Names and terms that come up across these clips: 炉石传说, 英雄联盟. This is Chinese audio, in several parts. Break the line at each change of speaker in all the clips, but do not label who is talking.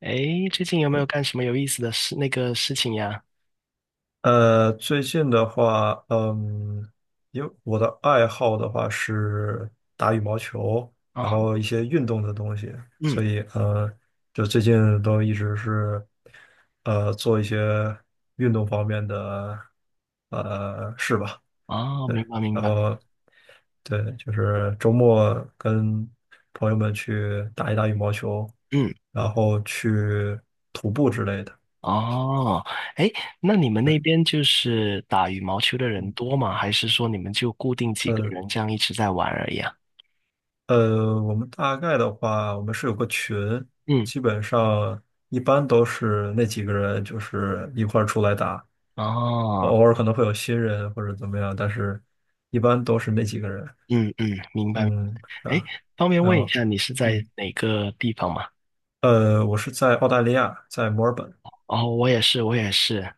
诶，最近有没有干什么有意思的事，那个事情呀？
最近的话，因为我的爱好的话是打羽毛球，然
哦，
后一些运动的东西，
嗯，
所以就最近都一直是做一些运动方面的事吧。
哦，
对，
明白明
然
白，
后对，就是周末跟朋友们去打一打羽毛球，
嗯，
然后去徒步之类的。
哦，诶，那你们那边就是打羽毛球的人
嗯，
多吗？还是说你们就固定几个
呃
人这样一直在玩而已啊？
我们大概的话，我们是有个群，
嗯，
基本上一般都是那几个人，就是一块儿出来打，
哦，
偶尔可能会有新人或者怎么样，但是一般都是那几个人。
嗯嗯，明白。
嗯，
诶，
啊，
方便
还
问一
有，
下你是在
嗯，
哪个地方吗？
我是在澳大利亚，在墨尔本。
哦，我也是，我也是。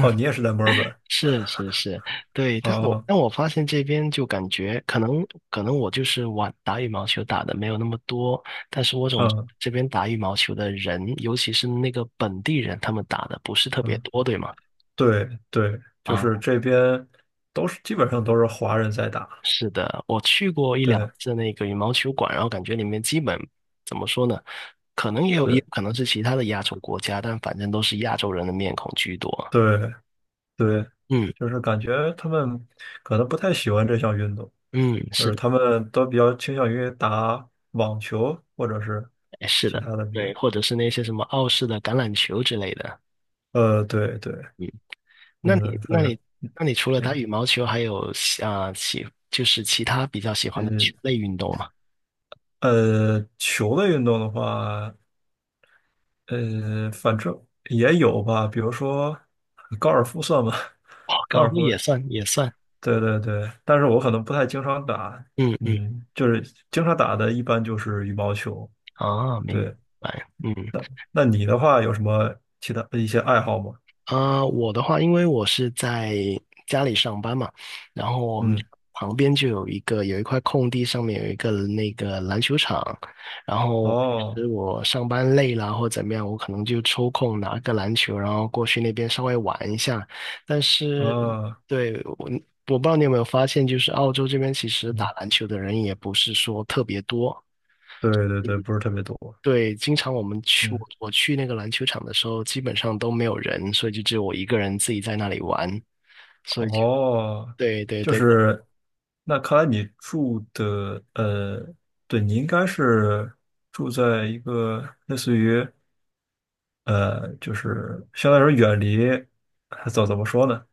哦，你也是在墨尔本？
是是是，对，但我
啊，
但我发现这边就感觉可能我就是玩打羽毛球打的没有那么多，但是我总
嗯
这边打羽毛球的人，尤其是那个本地人，他们打的不是特别
嗯，
多，对吗？
对对，就是
啊，
这边都是基本上都是华人在打。
是的，我去过一两
对
次那个羽毛球馆，然后感觉里面基本怎么说呢？可能也有可
对
能是其他的亚洲国家，但反正都是亚洲人的面孔居多。
对。对，
嗯
就是感觉他们可能不太喜欢这项运动，
嗯，
就
是
是
的，
他们都比较倾向于打网球或者是
哎是
其
的，
他的比较。
对，或者是那些什么澳式的橄榄球之类的。
对对，
嗯，那你
嗯，反
那
正，
你那你除了打
哎，
羽毛球，还有喜啊喜就是其他比较喜欢的
嗯，
球类运动吗？
球类运动的话，反正也有吧，比如说高尔夫算吗？
哦，
高
高尔
尔
夫
夫，
也算也算，
对对对，但是我可能不太经常打，
嗯嗯，
嗯，就是经常打的一般就是羽毛球，
哦，明
对。
白，
那你的话有什么其他一些爱好吗？
我的话，因为我是在家里上班嘛，然后我们
嗯，
旁边就有一个有一块空地，上面有一个那个篮球场，然后平
哦，
时我上班累了或怎么样，我可能就抽空拿个篮球，然后过去那边稍微玩一下。但是，
啊，
对，我不知道你有没有发现，就是澳洲这边其实打
嗯，
篮球的人也不是说特别多，
对对对，不是特别多。
对，经常我们去我
嗯，
我去那个篮球场的时候，基本上都没有人，所以就只有我一个人自己在那里玩，所以就
哦，
对对
就
对，
是，那看来你住的，对，你应该是住在一个类似于，就是相当于远离，怎么说呢？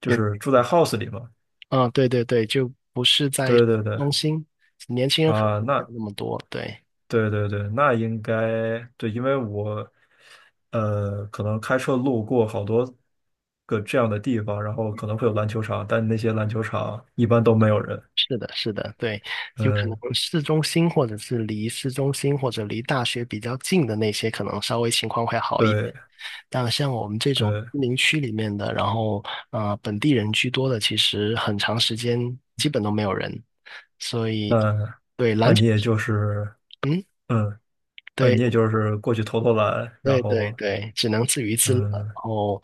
就
嗯
是住在 house 里嘛。
啊对对对，就不是在市
对对对，
中心，年轻人可能
啊，
没有
那
那么多，对，
对对对，那应该对，因为我可能开车路过好多个这样的地方，然后可能会有篮球场，但那些篮球场一般都没有人。
是的是的，对，有可能
嗯，
市中心或者是离市中心或者离大学比较近的那些，可能稍微情况会好一点。
对
但像我们这种
对，
居民区里面的，然后本地人居多的，其实很长时间基本都没有人，所以
那
对
那
篮
你
球，
也就是
嗯。
嗯你
对。
也就是过去投投篮，然
对对
后
对，只能自娱自乐。然
嗯
后，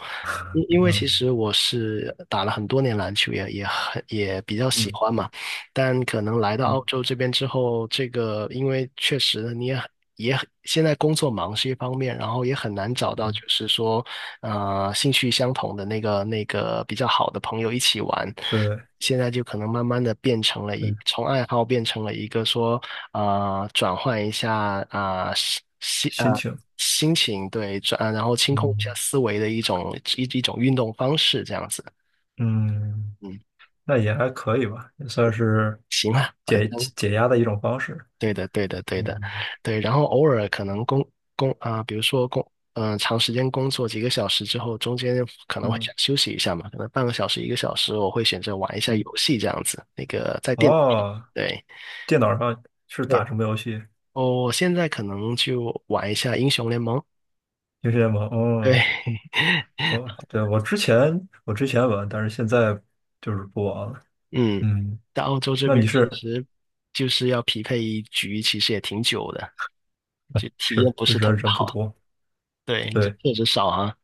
因为其
嗯
实我是打了很多年篮球，也比较喜
嗯
欢嘛。但可能来到澳
嗯
洲这边之后，这个因为确实你也很现在工作忙是一方面，然后也很难找到
嗯，
就是说兴趣相同的那个比较好的朋友一起玩。
对
现在就可能慢慢的变成了一，
对，
从爱好变成了一个说，转换一下啊，
心情
心情，对，转，然后清空一下
嗯
思维的一种一种运动方式，这样子。
嗯，
嗯，
那也还可以吧，也算是
行啊，反
解
正
解压的一种方式。
对的，对的，对的，
嗯
对。然后偶尔可能工工啊、比如说长时间工作几个小时之后，中间可能会
嗯
想休息一下嘛，可能半个小时、一个小时，我会选择玩一下
嗯，
游戏这样子，那个在电脑上，
哦，
对。
电脑上是打什
对，
么游戏？
我现在可能就玩一下英雄联盟。
英雄联盟。
对，
哦，我对我之前玩，但是现在就是不玩了。
嗯，
嗯，
在澳洲这
那
边
你
其
是
实就是要匹配一局，其实也挺久的，就体验
是
不是特
人
别
人不
好。
多，
对，这
对。
确实少啊。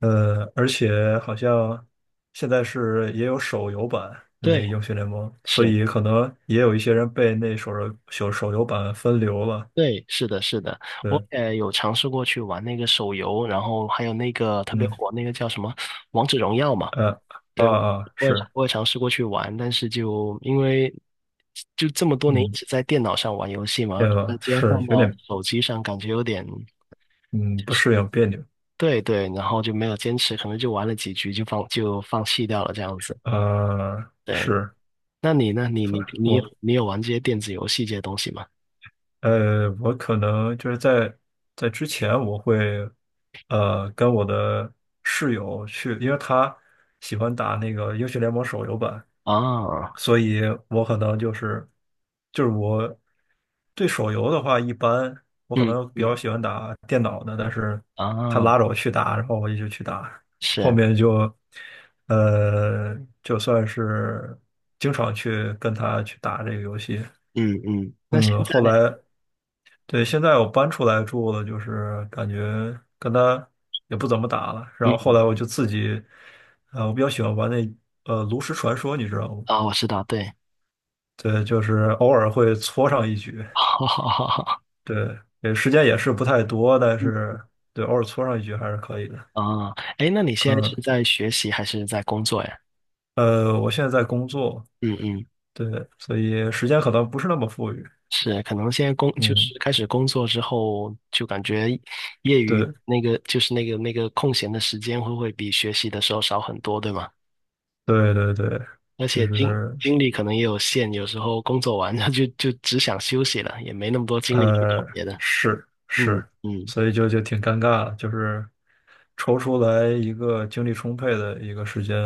而且好像现在是也有手游版的那个
对，
英雄联盟，所
是，
以可能也有一些人被那手游版分流了。
对，是的，是的，我
对，
也有尝试过去玩那个手游，然后还有那个特别
嗯，
火那个叫什么《王者荣耀》嘛。
呃，啊
对，
啊，
我也
是，
我也尝试过去玩，但是就因为就这么多年一
嗯，
直在电脑上玩游戏嘛，突然间放
是有
到
点
手机上，感觉有点
嗯
就
不
是
适应别扭。
对对，然后就没有坚持，可能就玩了几局就放弃掉了这样子。对，
是，
那你呢？你你你有
我
你有玩这些电子游戏这些东西吗？
我可能就是在之前，我会跟我的室友去，因为他喜欢打那个英雄联盟手游版，
啊，
所以我可能就是我对手游的话，一般我可
嗯
能比
嗯
较喜欢打电脑的，但是他
啊，
拉着我去打，然后我也就去打，后
是，
面呃就算是经常去跟他去打这个游戏，
嗯嗯，那现
嗯，后
在呢？
来对现在我搬出来住了，就是感觉跟他也不怎么打了，然
嗯，
后后来我就自己我比较喜欢玩那炉石传说，你知道吗？
啊，我知道，对，
对，就是偶尔会搓上一局，
好好好好。
对，也时间也是不太多，但是对，偶尔搓上一局还是可以的。
啊，哎，那你现在是
嗯，
在学习还是在工作呀？
我现在在工作，
嗯嗯，
对，所以时间可能不是那么富裕。
是，可能现在工就
嗯，
是开始工作之后，就感觉业余
对，
那个就是那个空闲的时间会不会比学习的时候少很多，对吗？
对对对，
而
就
且精
是
精力可能也有限，有时候工作完 了就只想休息了，也没那么多精力去搞
呃，
别的。
是
嗯
是，
嗯。
所以就挺尴尬的，就是抽出来一个精力充沛的一个时间，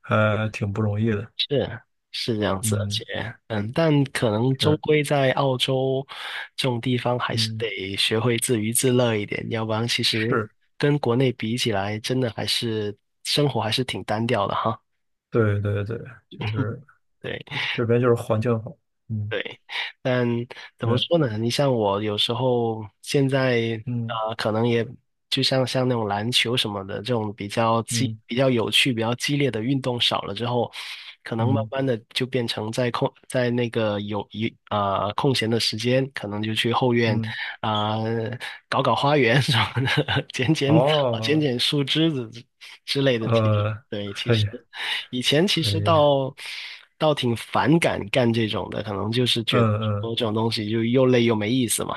还挺不容易的。
是是，这样子，而且
嗯，
嗯，但可能终
是，
归在澳洲这种地方，还是
嗯，
得学会自娱自乐一点，要不然其实
是，
跟国内比起来，真的还是生活还是挺单调的哈。
对对对，就是。
对。
这边就是环境好，嗯，
对，但怎么
那
说呢？你像我有时候现在
嗯
可能也就像那种篮球什么的这种比较激、
嗯
比较有趣、比较激烈的运动少了之后，可能慢
嗯
慢的就变成在那个有空闲的时间，可能就去后院
嗯，
啊、呃搞搞花园 什么的，剪剪草、剪
哦，
剪树枝子之类的。其实
呃，
对，其
可
实。
以
以前其
可
实
以，
倒挺反感干这种的，可能就是
嗯
觉得
嗯，
说这种东西就又累又没意思嘛。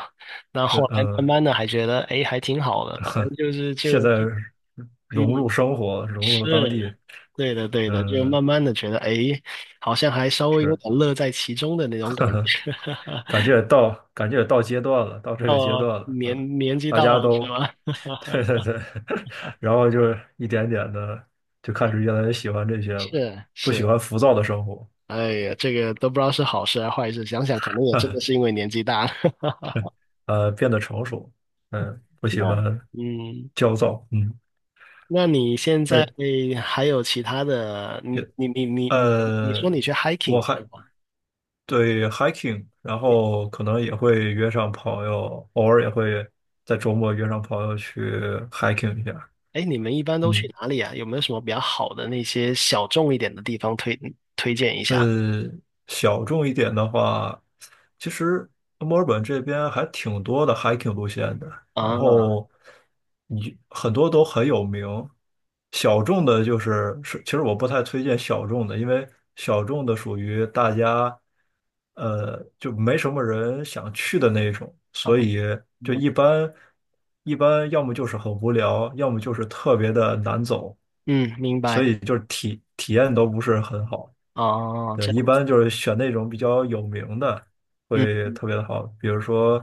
那
是，
后来慢慢的还觉得，哎，还挺好的，反正就是就
现在
就嗯，
融入生活，融入当
是
地，
对的对的，就
嗯，
慢慢的觉得，哎，好像还稍微有
是
点乐在其中的那种感觉。
感觉也到阶段了，到这
到
个阶段了，嗯，
年纪
大
到
家
了是
都
吧？
对对对，然后就是一点点的就开始越来越喜欢这些了，
是
不喜
是，
欢浮躁的生活，
哎呀，这个都不知道是好事还是坏事，想想可能也真的是 因为年纪大了。
变得成熟，嗯，不喜
那
欢
嗯。
焦躁，嗯，
那你现在
哎，
还有其他的？
也
你说
呃，
你去
我
hiking 是
还
吗？
对 hiking，然
你
后可能也会约上朋友，偶尔也会在周末约上朋友去 hiking 一下。
哎，你们一般都
嗯。
去哪里啊？有没有什么比较好的那些小众一点的地方推荐一下？
呃，小众一点的话，其实墨尔本这边还挺多的 hiking 路线的，然
啊
后你很多都很有名。小众的就是，其实我不太推荐小众的，因为小众的属于大家，就没什么人想去的那种，
啊
所以就
嗯
一般，要么就是很无聊，要么就是特别的难走，
嗯，明
所
白
以就是体验都不是很好。
哦，
对，
这
一
样子
般就是选那种比较有名的，
嗯
会
嗯
特别的好。比如说，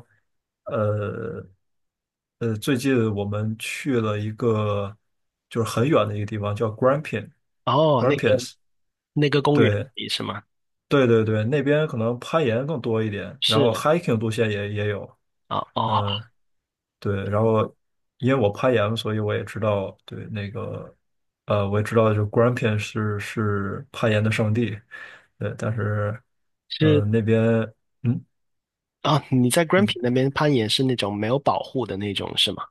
呃最近我们去了一个就是很远的一个地方，叫 Grampians。
哦，那个公园
对
里是吗？
对对对，那边可能攀岩更多一点，然后
是
hiking 路线也有。
啊哦
嗯，对，然后因为我攀岩，所以我也知道，对那个，我也知道，就 Grand 固然片是攀岩的圣地，对，但是，
是
那边，嗯
啊，你在
嗯，
Grampi 那边攀岩是那种没有保护的那种是吗？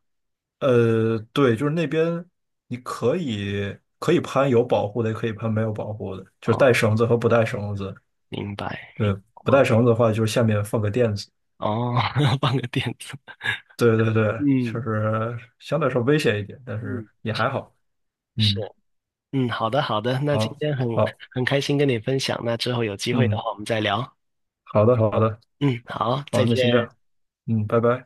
对，就是那边你可以攀有保护的，也可以攀没有保护的，就是带
哦，
绳子和不带绳子。
明白明
对，不
白哦，
带绳子的话，就是下面放个垫子。
哦 放个垫子。
对对对，确
嗯，
实相对来说危险一点，但是
嗯，
也还好。
是，
嗯，
嗯，好的，好的，那今
好，
天
好，
很开心跟你分享，那之后有机会的
嗯，
话我们再聊。
好的，好的。
嗯，好，再
好，那先这
见。
样，嗯，拜拜。